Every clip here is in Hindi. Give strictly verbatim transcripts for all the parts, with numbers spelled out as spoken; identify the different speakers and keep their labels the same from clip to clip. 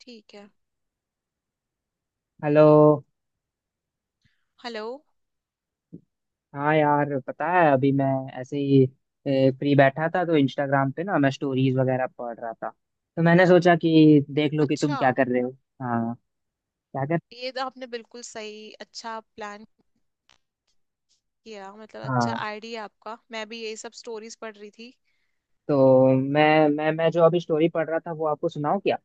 Speaker 1: ठीक है।
Speaker 2: हेलो।
Speaker 1: हेलो।
Speaker 2: हाँ यार पता है अभी मैं ऐसे ही फ्री बैठा था तो इंस्टाग्राम पे ना मैं स्टोरीज वगैरह पढ़ रहा था तो मैंने सोचा कि देख लो कि तुम
Speaker 1: अच्छा।
Speaker 2: क्या कर रहे हो। हाँ। क्या कर।
Speaker 1: ये तो आपने बिल्कुल सही अच्छा प्लान किया मतलब अच्छा
Speaker 2: हाँ,
Speaker 1: आइडिया आपका। मैं भी यही सब स्टोरीज पढ़ रही थी।
Speaker 2: तो मैं मैं मैं जो अभी स्टोरी पढ़ रहा था वो आपको सुनाऊं क्या?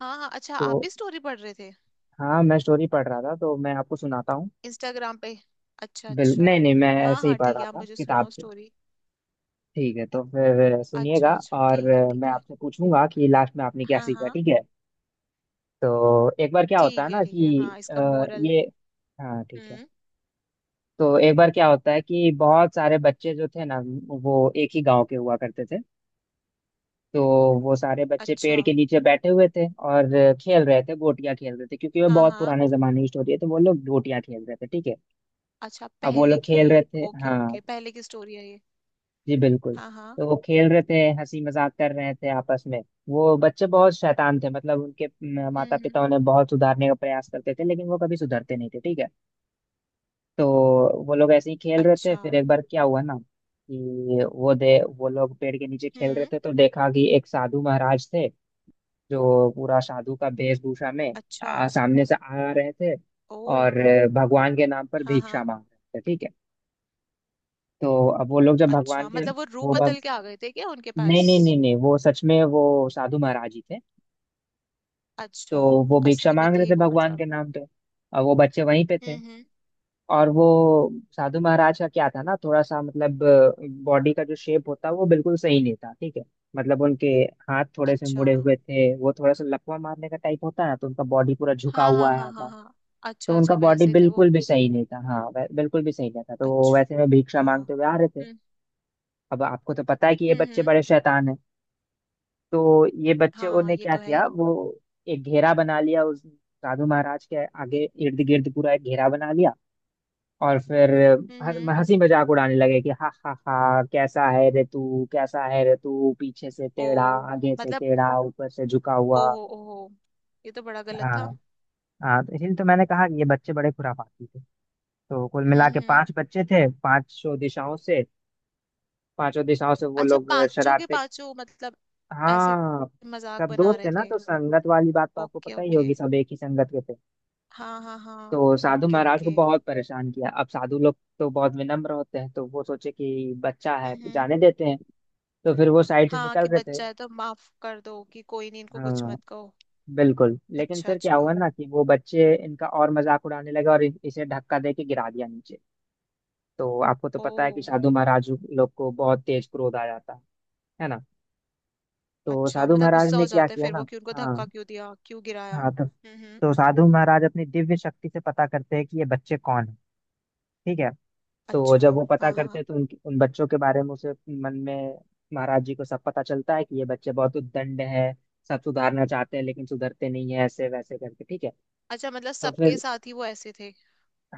Speaker 1: हाँ हाँ, अच्छा आप
Speaker 2: तो
Speaker 1: भी स्टोरी पढ़ रहे थे
Speaker 2: हाँ मैं स्टोरी पढ़ रहा था तो मैं आपको सुनाता हूँ।
Speaker 1: इंस्टाग्राम पे। अच्छा
Speaker 2: बिल
Speaker 1: अच्छा।
Speaker 2: नहीं नहीं, मैं
Speaker 1: हाँ
Speaker 2: ऐसे ही
Speaker 1: हाँ
Speaker 2: पढ़
Speaker 1: ठीक
Speaker 2: रहा
Speaker 1: है, आप
Speaker 2: था
Speaker 1: मुझे
Speaker 2: किताब
Speaker 1: सुनाओ
Speaker 2: से।
Speaker 1: स्टोरी।
Speaker 2: ठीक है, तो फिर सुनिएगा
Speaker 1: अच्छा अच्छा
Speaker 2: और
Speaker 1: ठीक है
Speaker 2: मैं
Speaker 1: ठीक है।
Speaker 2: आपसे पूछूंगा कि लास्ट में आपने क्या
Speaker 1: हाँ
Speaker 2: सीखा,
Speaker 1: हाँ
Speaker 2: ठीक है। तो एक बार क्या होता है
Speaker 1: ठीक है
Speaker 2: ना
Speaker 1: ठीक है।
Speaker 2: कि
Speaker 1: हाँ,
Speaker 2: अ,
Speaker 1: इसका मोरल।
Speaker 2: ये। हाँ ठीक है।
Speaker 1: हम्म।
Speaker 2: तो एक बार क्या होता है कि बहुत सारे बच्चे जो थे ना वो एक ही गांव के हुआ करते थे। तो वो सारे बच्चे
Speaker 1: अच्छा।
Speaker 2: पेड़ के नीचे बैठे हुए थे और खेल रहे थे, गोटियां खेल रहे थे क्योंकि वो
Speaker 1: हाँ
Speaker 2: बहुत
Speaker 1: हाँ।
Speaker 2: पुराने जमाने की स्टोरी है, तो वो लोग गोटियां खेल रहे थे, ठीक है।
Speaker 1: अच्छा
Speaker 2: अब वो
Speaker 1: पहले
Speaker 2: लोग
Speaker 1: की।
Speaker 2: खेल रहे थे,
Speaker 1: ओके
Speaker 2: हाँ।
Speaker 1: ओके, पहले की स्टोरी है ये।
Speaker 2: जी बिल्कुल।
Speaker 1: हाँ हाँ।
Speaker 2: तो वो खेल रहे थे, हंसी मजाक कर रहे थे आपस में। वो बच्चे बहुत शैतान थे, मतलब उनके
Speaker 1: हम्म
Speaker 2: माता पिता
Speaker 1: हम्म।
Speaker 2: उन्हें बहुत सुधारने का प्रयास करते थे लेकिन वो कभी सुधरते नहीं थे, ठीक है। तो वो लोग ऐसे ही खेल रहे थे,
Speaker 1: अच्छा।
Speaker 2: फिर एक बार क्या हुआ ना कि वो दे वो लोग पेड़ के नीचे खेल रहे
Speaker 1: हम्म।
Speaker 2: थे तो देखा कि एक साधु महाराज थे जो पूरा साधु का वेशभूषा में
Speaker 1: अच्छा।
Speaker 2: आ, सामने से आ रहे थे
Speaker 1: ओ।
Speaker 2: और अ, भगवान के नाम पर
Speaker 1: हाँ
Speaker 2: भिक्षा
Speaker 1: हाँ।
Speaker 2: मांग रहे थे, ठीक है। तो अब वो लोग जब भगवान
Speaker 1: अच्छा
Speaker 2: के
Speaker 1: मतलब वो रूप
Speaker 2: वो भग
Speaker 1: बदल के आ गए थे क्या उनके
Speaker 2: नहीं
Speaker 1: पास।
Speaker 2: नहीं नहीं नहीं, वो सच में वो साधु महाराज ही थे। तो
Speaker 1: अच्छा,
Speaker 2: वो भिक्षा
Speaker 1: असली में
Speaker 2: मांग रहे
Speaker 1: थे
Speaker 2: थे
Speaker 1: वो
Speaker 2: भगवान
Speaker 1: मतलब।
Speaker 2: के नाम पे, और वो बच्चे वहीं पे थे।
Speaker 1: हम्म हम्म।
Speaker 2: और वो साधु महाराज का क्या था ना, थोड़ा सा मतलब बॉडी का जो शेप होता वो बिल्कुल सही नहीं था, ठीक है। मतलब उनके हाथ थोड़े से
Speaker 1: अच्छा,
Speaker 2: मुड़े हुए थे, वो थोड़ा सा लकवा मारने का टाइप होता है ना, तो उनका बॉडी पूरा झुका
Speaker 1: हाँ हाँ
Speaker 2: हुआ
Speaker 1: हाँ
Speaker 2: आया
Speaker 1: हाँ
Speaker 2: था।
Speaker 1: हाँ। अच्छा
Speaker 2: तो उनका
Speaker 1: अच्छा
Speaker 2: बॉडी
Speaker 1: वैसे थे वो।
Speaker 2: बिल्कुल भी सही नहीं था, हाँ, वै- बिल्कुल भी सही नहीं था, तो वो
Speaker 1: अच्छा।
Speaker 2: वैसे में भिक्षा मांगते हुए आ रहे थे।
Speaker 1: हम्म
Speaker 2: अब आपको तो पता है कि ये
Speaker 1: हम्म।
Speaker 2: बच्चे
Speaker 1: हम्म।
Speaker 2: बड़े शैतान हैं। तो ये बच्चे,
Speaker 1: हाँ
Speaker 2: उन्होंने
Speaker 1: ये
Speaker 2: क्या
Speaker 1: तो है ही।
Speaker 2: किया, वो एक घेरा बना लिया उस साधु महाराज के आगे इर्द गिर्द, पूरा एक घेरा बना लिया। और फिर
Speaker 1: हम्म हम्म।
Speaker 2: ह- हंसी मजाक उड़ाने लगे कि हा हा हा, कैसा है रे तू, कैसा है रे तू, पीछे से टेढ़ा,
Speaker 1: ओ
Speaker 2: आगे से
Speaker 1: मतलब,
Speaker 2: टेढ़ा, ऊपर से झुका हुआ।
Speaker 1: ओहो ओहो, ये तो बड़ा गलत
Speaker 2: हाँ।
Speaker 1: था।
Speaker 2: हाँ तो इसलिए तो मैंने कहा कि ये बच्चे बड़े खुराफाती थे। तो कुल मिला के
Speaker 1: हम्म हम्म।
Speaker 2: पांच बच्चे थे, पांचों दिशाओं से, पांचों दिशाओं से वो
Speaker 1: अच्छा
Speaker 2: लोग
Speaker 1: पांचों के
Speaker 2: शरारते।
Speaker 1: पांचों मतलब ऐसे
Speaker 2: हाँ,
Speaker 1: मजाक
Speaker 2: सब
Speaker 1: बना
Speaker 2: दोस्त थे
Speaker 1: रहे
Speaker 2: ना,
Speaker 1: थे।
Speaker 2: तो संगत वाली बात तो आपको
Speaker 1: ओके
Speaker 2: पता ही
Speaker 1: ओके।
Speaker 2: होगी, सब एक ही संगत के थे।
Speaker 1: हाँ हाँ हाँ।
Speaker 2: तो साधु
Speaker 1: ओके
Speaker 2: महाराज को
Speaker 1: ओके।
Speaker 2: बहुत परेशान किया। अब साधु लोग तो बहुत विनम्र होते हैं, तो वो सोचे कि बच्चा है,
Speaker 1: हम्म।
Speaker 2: जाने देते हैं। तो फिर वो साइड से
Speaker 1: हाँ
Speaker 2: निकल
Speaker 1: कि
Speaker 2: गए थे।
Speaker 1: बच्चा है तो माफ कर दो, कि कोई नहीं इनको कुछ
Speaker 2: हाँ
Speaker 1: मत कहो।
Speaker 2: बिल्कुल, लेकिन
Speaker 1: अच्छा
Speaker 2: फिर क्या हुआ
Speaker 1: अच्छा।
Speaker 2: ना कि वो बच्चे इनका और मजाक उड़ाने लगे और इ- इसे धक्का दे के गिरा दिया नीचे। तो आपको तो
Speaker 1: ओ।
Speaker 2: पता है कि साधु महाराज लोग को बहुत तेज क्रोध आ जाता है है ना। तो
Speaker 1: अच्छा
Speaker 2: साधु
Speaker 1: मतलब
Speaker 2: महाराज
Speaker 1: गुस्सा
Speaker 2: ने
Speaker 1: हो
Speaker 2: क्या
Speaker 1: जाता है
Speaker 2: किया
Speaker 1: फिर
Speaker 2: ना।
Speaker 1: वो, कि उनको
Speaker 2: हाँ
Speaker 1: धक्का क्यों दिया क्यों गिराया।
Speaker 2: हाँ तो,
Speaker 1: हम्म हम्म।
Speaker 2: तो साधु महाराज अपनी दिव्य शक्ति से पता करते हैं कि ये बच्चे कौन है, ठीक है। तो
Speaker 1: अच्छा
Speaker 2: जब वो पता
Speaker 1: हाँ
Speaker 2: करते
Speaker 1: हाँ।
Speaker 2: हैं तो उनकी उन बच्चों के बारे में उसे मन में महाराज जी को सब पता चलता है कि ये बच्चे बहुत उद्दंड है, सब सुधारना चाहते हैं लेकिन सुधरते नहीं है, ऐसे वैसे करके, ठीक है।
Speaker 1: अच्छा मतलब
Speaker 2: तो
Speaker 1: सबके
Speaker 2: फिर,
Speaker 1: साथ ही वो ऐसे थे।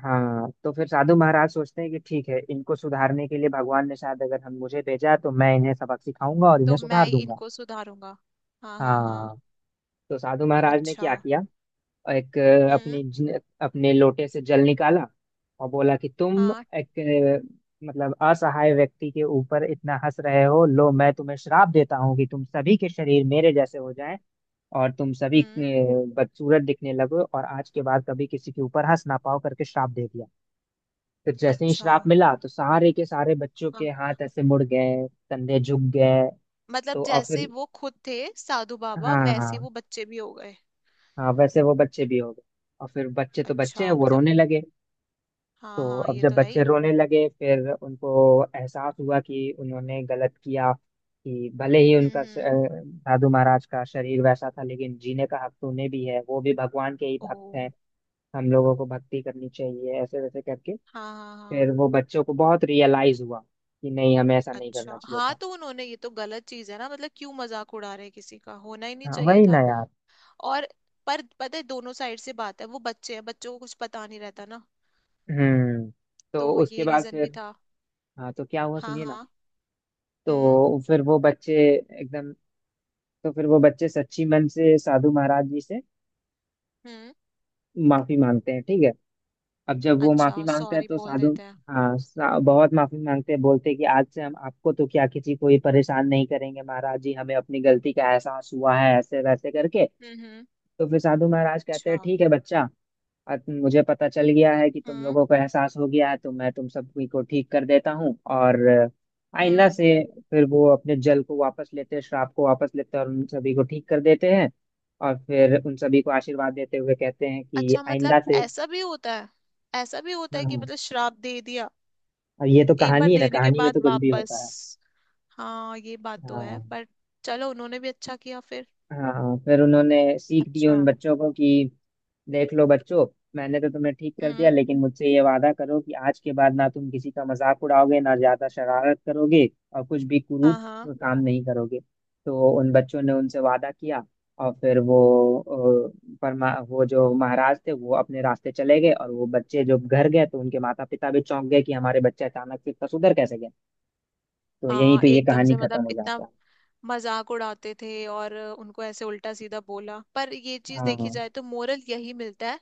Speaker 2: हाँ तो फिर साधु महाराज सोचते हैं कि ठीक है, इनको सुधारने के लिए भगवान ने शायद अगर हम मुझे भेजा है, तो मैं इन्हें सबक सिखाऊंगा और इन्हें
Speaker 1: तो मैं
Speaker 2: सुधार
Speaker 1: ही
Speaker 2: दूंगा।
Speaker 1: इनको सुधारूंगा। हाँ हाँ हाँ।
Speaker 2: हाँ, तो साधु महाराज ने
Speaker 1: अच्छा।
Speaker 2: क्या किया, और एक अ,
Speaker 1: हम्म।
Speaker 2: अपनी ज- अपने लोटे से जल निकाला और बोला कि तुम
Speaker 1: हाँ।
Speaker 2: एक अ, मतलब असहाय व्यक्ति के ऊपर इतना हंस रहे हो, लो मैं तुम्हें श्राप देता हूँ कि तुम सभी के शरीर मेरे जैसे हो जाएं और तुम सभी अ,
Speaker 1: हम्म।
Speaker 2: बदसूरत दिखने लगो और आज के बाद कभी किसी के ऊपर हंस ना पाओ, करके श्राप दे दिया। तो जैसे ही
Speaker 1: अच्छा।
Speaker 2: श्राप मिला तो सारे के सारे बच्चों के
Speaker 1: हाँ
Speaker 2: हाथ ऐसे मुड़ गए, कंधे झुक गए।
Speaker 1: मतलब
Speaker 2: तो, और
Speaker 1: जैसे
Speaker 2: फिर,
Speaker 1: वो खुद थे साधु बाबा
Speaker 2: हाँ
Speaker 1: वैसे
Speaker 2: हाँ
Speaker 1: वो बच्चे भी हो गए।
Speaker 2: हाँ, वैसे वो बच्चे भी हो गए। और फिर बच्चे तो बच्चे हैं,
Speaker 1: अच्छा
Speaker 2: वो
Speaker 1: मतलब,
Speaker 2: रोने लगे। तो
Speaker 1: हाँ हाँ
Speaker 2: अब
Speaker 1: ये
Speaker 2: जब
Speaker 1: तो है
Speaker 2: बच्चे
Speaker 1: ही।
Speaker 2: रोने लगे फिर उनको एहसास हुआ कि उन्होंने गलत किया, कि भले ही
Speaker 1: हम्म
Speaker 2: उनका श- अ,
Speaker 1: हम्म।
Speaker 2: दादू महाराज का शरीर वैसा था लेकिन जीने का हक तो उन्हें भी है, वो भी भगवान के ही
Speaker 1: ओ।
Speaker 2: भक्त हैं, हम लोगों को भक्ति करनी चाहिए, ऐसे वैसे करके।
Speaker 1: हाँ हाँ।
Speaker 2: फिर वो बच्चों को बहुत रियलाइज हुआ कि नहीं, हमें ऐसा नहीं करना
Speaker 1: अच्छा
Speaker 2: चाहिए
Speaker 1: हाँ,
Speaker 2: था।
Speaker 1: तो उन्होंने ये तो गलत चीज है ना, मतलब क्यों मजाक उड़ा रहे हैं किसी का, होना ही नहीं
Speaker 2: हाँ
Speaker 1: चाहिए
Speaker 2: वही ना
Speaker 1: था।
Speaker 2: यार।
Speaker 1: और पर पता है दोनों साइड से बात है, वो बच्चे हैं बच्चों को कुछ पता नहीं रहता ना।
Speaker 2: हम्म।
Speaker 1: तो
Speaker 2: तो उसके
Speaker 1: ये
Speaker 2: बाद
Speaker 1: रीजन भी
Speaker 2: फिर,
Speaker 1: था।
Speaker 2: हाँ तो क्या हुआ
Speaker 1: हाँ
Speaker 2: सुनिए ना।
Speaker 1: हाँ। हम्म
Speaker 2: तो फिर वो बच्चे एकदम तो फिर वो बच्चे सच्ची मन से साधु महाराज जी से
Speaker 1: हम्म।
Speaker 2: माफी मांगते हैं, ठीक है। अब जब वो
Speaker 1: अच्छा
Speaker 2: माफी मांगते हैं
Speaker 1: सॉरी
Speaker 2: तो
Speaker 1: बोल
Speaker 2: साधु,
Speaker 1: देते हैं।
Speaker 2: हाँ सा, बहुत माफी मांगते हैं, बोलते हैं कि आज से हम आपको तो क्या, किसी को ही परेशान नहीं करेंगे, महाराज जी हमें अपनी गलती का एहसास हुआ है, ऐसे वैसे करके।
Speaker 1: हम्म हम्म।
Speaker 2: तो फिर साधु महाराज कहते
Speaker 1: अच्छा।
Speaker 2: हैं ठीक है बच्चा, अब मुझे पता चल गया है कि तुम
Speaker 1: हम्म
Speaker 2: लोगों को एहसास हो गया है, तो मैं तुम सभी को ठीक कर देता हूँ और आईना
Speaker 1: हम्म।
Speaker 2: से, फिर वो अपने जल को वापस लेते हैं, श्राप को वापस लेते हैं और उन सभी को ठीक कर देते हैं। और फिर उन सभी को आशीर्वाद देते हुए कहते हैं कि
Speaker 1: अच्छा
Speaker 2: आइंदा
Speaker 1: मतलब
Speaker 2: से।
Speaker 1: ऐसा भी होता है। ऐसा भी होता है कि
Speaker 2: हाँ,
Speaker 1: मतलब श्राप दे दिया
Speaker 2: अब ये तो
Speaker 1: एक
Speaker 2: कहानी
Speaker 1: बार
Speaker 2: है ना,
Speaker 1: देने के
Speaker 2: कहानी में
Speaker 1: बाद
Speaker 2: तो कुछ भी
Speaker 1: वापस।
Speaker 2: होता है।
Speaker 1: हाँ ये बात तो है
Speaker 2: हाँ
Speaker 1: पर चलो उन्होंने भी अच्छा किया फिर।
Speaker 2: हाँ, फिर उन्होंने सीख दी उन
Speaker 1: अच्छा।
Speaker 2: बच्चों को कि देख लो बच्चों, मैंने तो तुम्हें ठीक कर दिया,
Speaker 1: हम्म।
Speaker 2: लेकिन मुझसे ये वादा करो कि आज के बाद ना तुम किसी का मजाक उड़ाओगे, ना ज्यादा शरारत करोगे और कुछ भी
Speaker 1: हाँ
Speaker 2: कुरूप
Speaker 1: हाँ
Speaker 2: काम नहीं करोगे। तो उन बच्चों ने उनसे वादा किया। और फिर वो अ, परमा वो जो महाराज थे वो अपने रास्ते चले गए, और वो बच्चे जो घर गए तो उनके माता पिता भी चौंक गए कि हमारे बच्चे अचानक से इतना सुधर कैसे गए। तो यहीं
Speaker 1: हाँ
Speaker 2: पे ये
Speaker 1: एकदम
Speaker 2: कहानी
Speaker 1: से
Speaker 2: खत्म
Speaker 1: मतलब
Speaker 2: हो
Speaker 1: इतना
Speaker 2: जाता है।
Speaker 1: मजाक उड़ाते थे और उनको ऐसे उल्टा सीधा बोला, पर ये चीज देखी
Speaker 2: हाँ
Speaker 1: जाए तो मोरल यही मिलता है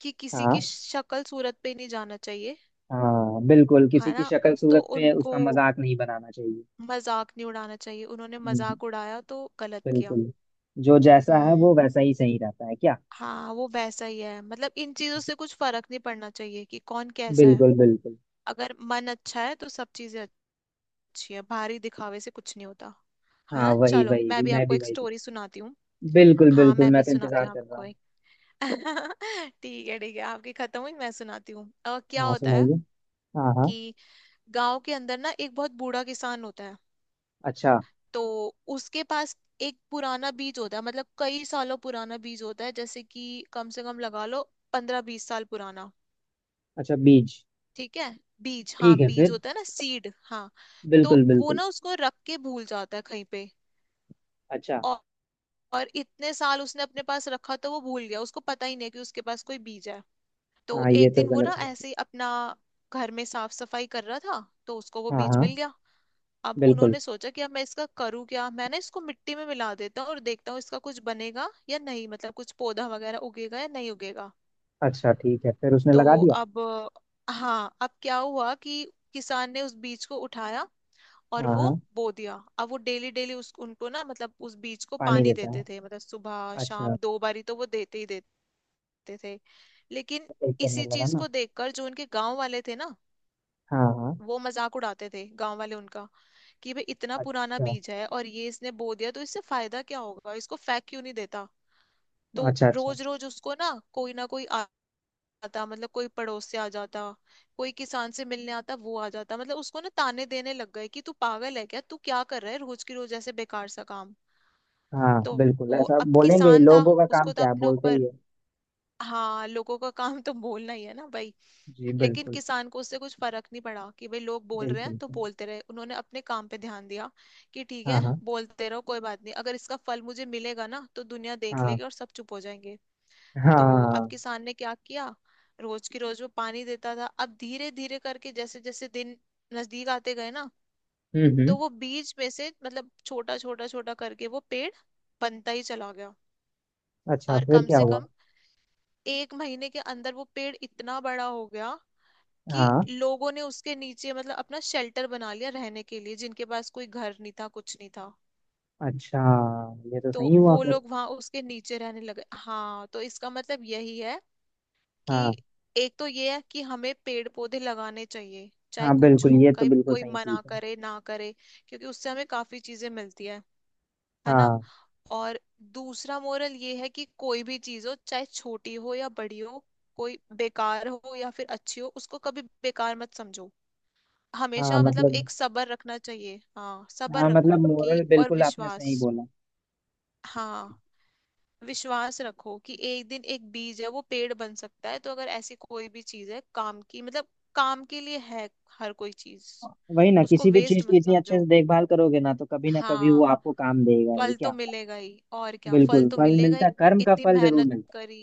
Speaker 1: कि किसी की
Speaker 2: हाँ
Speaker 1: शक्ल सूरत पे नहीं जाना चाहिए।
Speaker 2: हाँ बिल्कुल, किसी
Speaker 1: है
Speaker 2: की
Speaker 1: ना,
Speaker 2: शक्ल
Speaker 1: तो
Speaker 2: सूरत पे
Speaker 1: उनको
Speaker 2: उसका मजाक नहीं बनाना चाहिए।
Speaker 1: मजाक नहीं उड़ाना चाहिए, उन्होंने
Speaker 2: हम्म,
Speaker 1: मजाक उड़ाया तो गलत किया।
Speaker 2: बिल्कुल। जो जैसा है वो
Speaker 1: हम्म।
Speaker 2: वैसा ही सही रहता है क्या।
Speaker 1: हाँ वो वैसा ही है, मतलब इन चीजों से कुछ फर्क नहीं पड़ना चाहिए कि कौन कैसा है।
Speaker 2: बिल्कुल बिल्कुल।
Speaker 1: अगर मन अच्छा है तो सब चीजें अच्छी है, बाहरी दिखावे से कुछ नहीं होता। है
Speaker 2: हाँ
Speaker 1: ना,
Speaker 2: वही
Speaker 1: चलो
Speaker 2: वही
Speaker 1: मैं
Speaker 2: भी,
Speaker 1: भी
Speaker 2: मैं
Speaker 1: आपको
Speaker 2: भी
Speaker 1: एक
Speaker 2: वही पे।
Speaker 1: स्टोरी सुनाती हूँ।
Speaker 2: बिल्कुल
Speaker 1: हाँ
Speaker 2: बिल्कुल,
Speaker 1: मैं
Speaker 2: मैं
Speaker 1: भी
Speaker 2: तो
Speaker 1: सुनाती
Speaker 2: इंतजार
Speaker 1: हूँ
Speaker 2: कर रहा
Speaker 1: आपको
Speaker 2: हूँ।
Speaker 1: एक। ठीक है ठीक है, आपकी खत्म हुई मैं सुनाती हूँ। अ, क्या
Speaker 2: हाँ
Speaker 1: होता है
Speaker 2: सुनाइए। हाँ हाँ।
Speaker 1: कि गांव के अंदर ना एक बहुत बूढ़ा किसान होता है।
Speaker 2: अच्छा।
Speaker 1: तो उसके पास एक पुराना बीज होता है, मतलब कई सालों पुराना बीज होता है, जैसे कि कम से कम लगा लो पंद्रह बीस साल पुराना।
Speaker 2: अच्छा बीज।
Speaker 1: ठीक है। बीज, हाँ
Speaker 2: ठीक है
Speaker 1: बीज
Speaker 2: फिर।
Speaker 1: होता है ना, सीड। हाँ तो
Speaker 2: बिल्कुल
Speaker 1: वो
Speaker 2: बिल्कुल।
Speaker 1: ना उसको रख के भूल जाता है कहीं पे।
Speaker 2: अच्छा।
Speaker 1: और, और इतने साल उसने अपने पास रखा तो वो भूल गया, उसको पता ही नहीं कि उसके पास कोई बीज है। तो
Speaker 2: हाँ ये
Speaker 1: एक
Speaker 2: तो
Speaker 1: दिन वो ना
Speaker 2: गलत हुआ।
Speaker 1: ऐसे ही अपना घर में साफ सफाई कर रहा था, तो उसको वो
Speaker 2: हाँ
Speaker 1: बीज
Speaker 2: हाँ।
Speaker 1: मिल गया। अब
Speaker 2: बिल्कुल।
Speaker 1: उन्होंने सोचा कि अब मैं इसका करूँ क्या, मैं ना इसको मिट्टी में मिला देता हूँ और देखता हूँ इसका कुछ बनेगा या नहीं, मतलब कुछ पौधा वगैरह उगेगा या नहीं उगेगा।
Speaker 2: अच्छा ठीक है, फिर उसने
Speaker 1: तो
Speaker 2: लगा दिया।
Speaker 1: अब, हाँ अब क्या हुआ कि किसान ने उस बीज को उठाया और
Speaker 2: हाँ
Speaker 1: वो
Speaker 2: हाँ।
Speaker 1: बो दिया। अब वो डेली डेली उस उनको ना, मतलब उस बीज को
Speaker 2: पानी
Speaker 1: पानी
Speaker 2: देता है।
Speaker 1: देते थे, मतलब सुबह
Speaker 2: अच्छा।
Speaker 1: शाम दो बारी तो वो देते ही देते थे। लेकिन
Speaker 2: ठीक करने
Speaker 1: इसी
Speaker 2: लगा
Speaker 1: चीज
Speaker 2: ना।
Speaker 1: को देखकर जो उनके गांव वाले थे ना,
Speaker 2: हाँ हाँ।
Speaker 1: वो मजाक उड़ाते थे गांव वाले उनका कि भाई इतना पुराना
Speaker 2: अच्छा
Speaker 1: बीज है और ये इसने बो दिया तो इससे फायदा क्या होगा, इसको फेंक क्यों नहीं देता। तो
Speaker 2: अच्छा। अच्छा।
Speaker 1: रोज रोज उसको ना कोई ना कोई आ- आता, मतलब कोई पड़ोस से आ जाता कोई किसान से मिलने आता वो आ जाता, मतलब उसको ना ताने देने लग गए कि तू पागल है क्या, तू क्या कर रहा है रोज की रोज ऐसे बेकार सा काम।
Speaker 2: हाँ
Speaker 1: तो
Speaker 2: बिल्कुल,
Speaker 1: वो
Speaker 2: ऐसा
Speaker 1: अब
Speaker 2: बोलेंगे ही,
Speaker 1: किसान था
Speaker 2: लोगों का काम
Speaker 1: उसको तो
Speaker 2: क्या है,
Speaker 1: अपने
Speaker 2: बोलते ही
Speaker 1: ऊपर,
Speaker 2: है।
Speaker 1: हाँ लोगों का काम तो बोलना ही है ना भाई।
Speaker 2: जी
Speaker 1: लेकिन
Speaker 2: बिल्कुल।
Speaker 1: किसान को उससे कुछ फर्क नहीं पड़ा, कि भाई लोग बोल रहे हैं
Speaker 2: बिल्कुल।
Speaker 1: तो बोलते रहे, उन्होंने अपने काम पे ध्यान दिया कि ठीक
Speaker 2: हाँ
Speaker 1: है
Speaker 2: हाँ
Speaker 1: बोलते रहो कोई बात नहीं, अगर इसका फल मुझे मिलेगा ना तो दुनिया देख
Speaker 2: हाँ
Speaker 1: लेगी और सब चुप हो जाएंगे। तो अब
Speaker 2: हाँ।
Speaker 1: किसान ने क्या किया, रोज की रोज वो पानी देता था। अब धीरे धीरे करके जैसे जैसे दिन नजदीक आते गए ना,
Speaker 2: हम्म हम्म।
Speaker 1: तो वो बीज में से मतलब छोटा छोटा छोटा करके वो पेड़ बनता ही चला गया।
Speaker 2: अच्छा
Speaker 1: और
Speaker 2: फिर
Speaker 1: कम
Speaker 2: क्या
Speaker 1: से
Speaker 2: हुआ।
Speaker 1: कम एक महीने के अंदर वो पेड़ इतना बड़ा हो गया कि
Speaker 2: हाँ।
Speaker 1: लोगों ने उसके नीचे मतलब अपना शेल्टर बना लिया रहने के लिए, जिनके पास कोई घर नहीं था कुछ नहीं था।
Speaker 2: अच्छा ये तो
Speaker 1: तो
Speaker 2: सही हुआ
Speaker 1: वो
Speaker 2: फिर।
Speaker 1: लोग वहां उसके नीचे रहने लगे। हाँ तो इसका मतलब यही है कि,
Speaker 2: हाँ
Speaker 1: एक तो ये है कि हमें पेड़ पौधे लगाने चाहिए चाहे
Speaker 2: हाँ
Speaker 1: कुछ
Speaker 2: बिल्कुल,
Speaker 1: हो
Speaker 2: ये तो
Speaker 1: कहीं
Speaker 2: बिल्कुल
Speaker 1: कोई
Speaker 2: सही
Speaker 1: मना
Speaker 2: सीख है।
Speaker 1: करे ना करे, क्योंकि उससे हमें काफी चीजें मिलती है। है ना।
Speaker 2: हाँ।
Speaker 1: और दूसरा मोरल ये है कि कोई भी चीज हो चाहे छोटी हो या बड़ी हो, कोई बेकार हो या फिर अच्छी हो, उसको कभी बेकार मत समझो।
Speaker 2: हाँ
Speaker 1: हमेशा मतलब
Speaker 2: मतलब,
Speaker 1: एक सब्र रखना चाहिए। हाँ सब्र
Speaker 2: हाँ
Speaker 1: रखो
Speaker 2: मतलब
Speaker 1: कि,
Speaker 2: मोरल
Speaker 1: और
Speaker 2: बिल्कुल आपने सही
Speaker 1: विश्वास।
Speaker 2: बोला।
Speaker 1: हाँ विश्वास रखो कि एक दिन एक बीज है वो पेड़ बन सकता है, तो अगर ऐसी कोई भी चीज है काम की, मतलब काम के लिए है हर कोई चीज,
Speaker 2: वही ना,
Speaker 1: उसको
Speaker 2: किसी भी
Speaker 1: वेस्ट
Speaker 2: चीज की
Speaker 1: मत
Speaker 2: इतनी अच्छे
Speaker 1: समझो।
Speaker 2: से देखभाल करोगे ना तो कभी ना कभी वो
Speaker 1: हाँ
Speaker 2: आपको काम देगा ही
Speaker 1: फल तो
Speaker 2: क्या।
Speaker 1: मिलेगा ही और क्या, फल
Speaker 2: बिल्कुल,
Speaker 1: तो
Speaker 2: फल
Speaker 1: मिलेगा ही।
Speaker 2: मिलता, कर्म का
Speaker 1: इतनी
Speaker 2: फल जरूर
Speaker 1: मेहनत
Speaker 2: मिलता
Speaker 1: करी।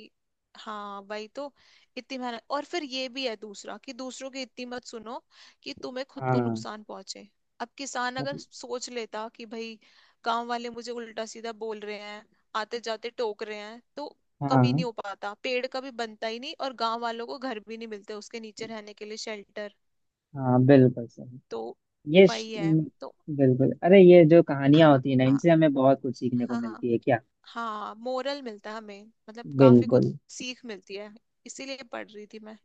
Speaker 1: हाँ वही तो, इतनी मेहनत। और फिर ये भी है दूसरा कि दूसरों की इतनी मत सुनो कि तुम्हें
Speaker 2: है।
Speaker 1: खुद को
Speaker 2: हाँ
Speaker 1: नुकसान पहुंचे। अब किसान अगर
Speaker 2: मतलब-
Speaker 1: सोच लेता कि भाई गांव वाले मुझे उल्टा सीधा बोल रहे हैं आते जाते टोक रहे हैं, तो कभी
Speaker 2: हाँ
Speaker 1: नहीं हो पाता पेड़ कभी बनता ही नहीं, और गांव वालों को घर भी नहीं मिलते उसके नीचे रहने के लिए शेल्टर।
Speaker 2: हाँ बिल्कुल सही।
Speaker 1: तो
Speaker 2: ये श-
Speaker 1: वही है
Speaker 2: म,
Speaker 1: तो।
Speaker 2: बिल्कुल। अरे ये जो कहानियां
Speaker 1: हाँ
Speaker 2: होती है ना,
Speaker 1: हाँ
Speaker 2: इनसे हमें बहुत कुछ सीखने को
Speaker 1: हाँ हाँ।
Speaker 2: मिलती है क्या।
Speaker 1: हाँ मोरल मिलता है हमें, मतलब काफी कुछ
Speaker 2: बिल्कुल।
Speaker 1: सीख मिलती है। इसीलिए पढ़ रही थी मैं।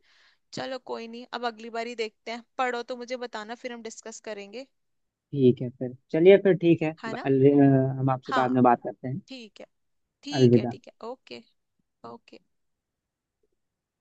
Speaker 1: चलो कोई नहीं, अब अगली बारी देखते हैं, पढ़ो तो मुझे बताना फिर हम डिस्कस करेंगे।
Speaker 2: ठीक है फिर, चलिए फिर ठीक है,
Speaker 1: है
Speaker 2: ब-
Speaker 1: ना।
Speaker 2: अल- अ, हम आपसे बाद में
Speaker 1: हाँ
Speaker 2: बात करते हैं।
Speaker 1: ठीक है। ठीक है
Speaker 2: अलविदा।
Speaker 1: ठीक है ओके। ओके।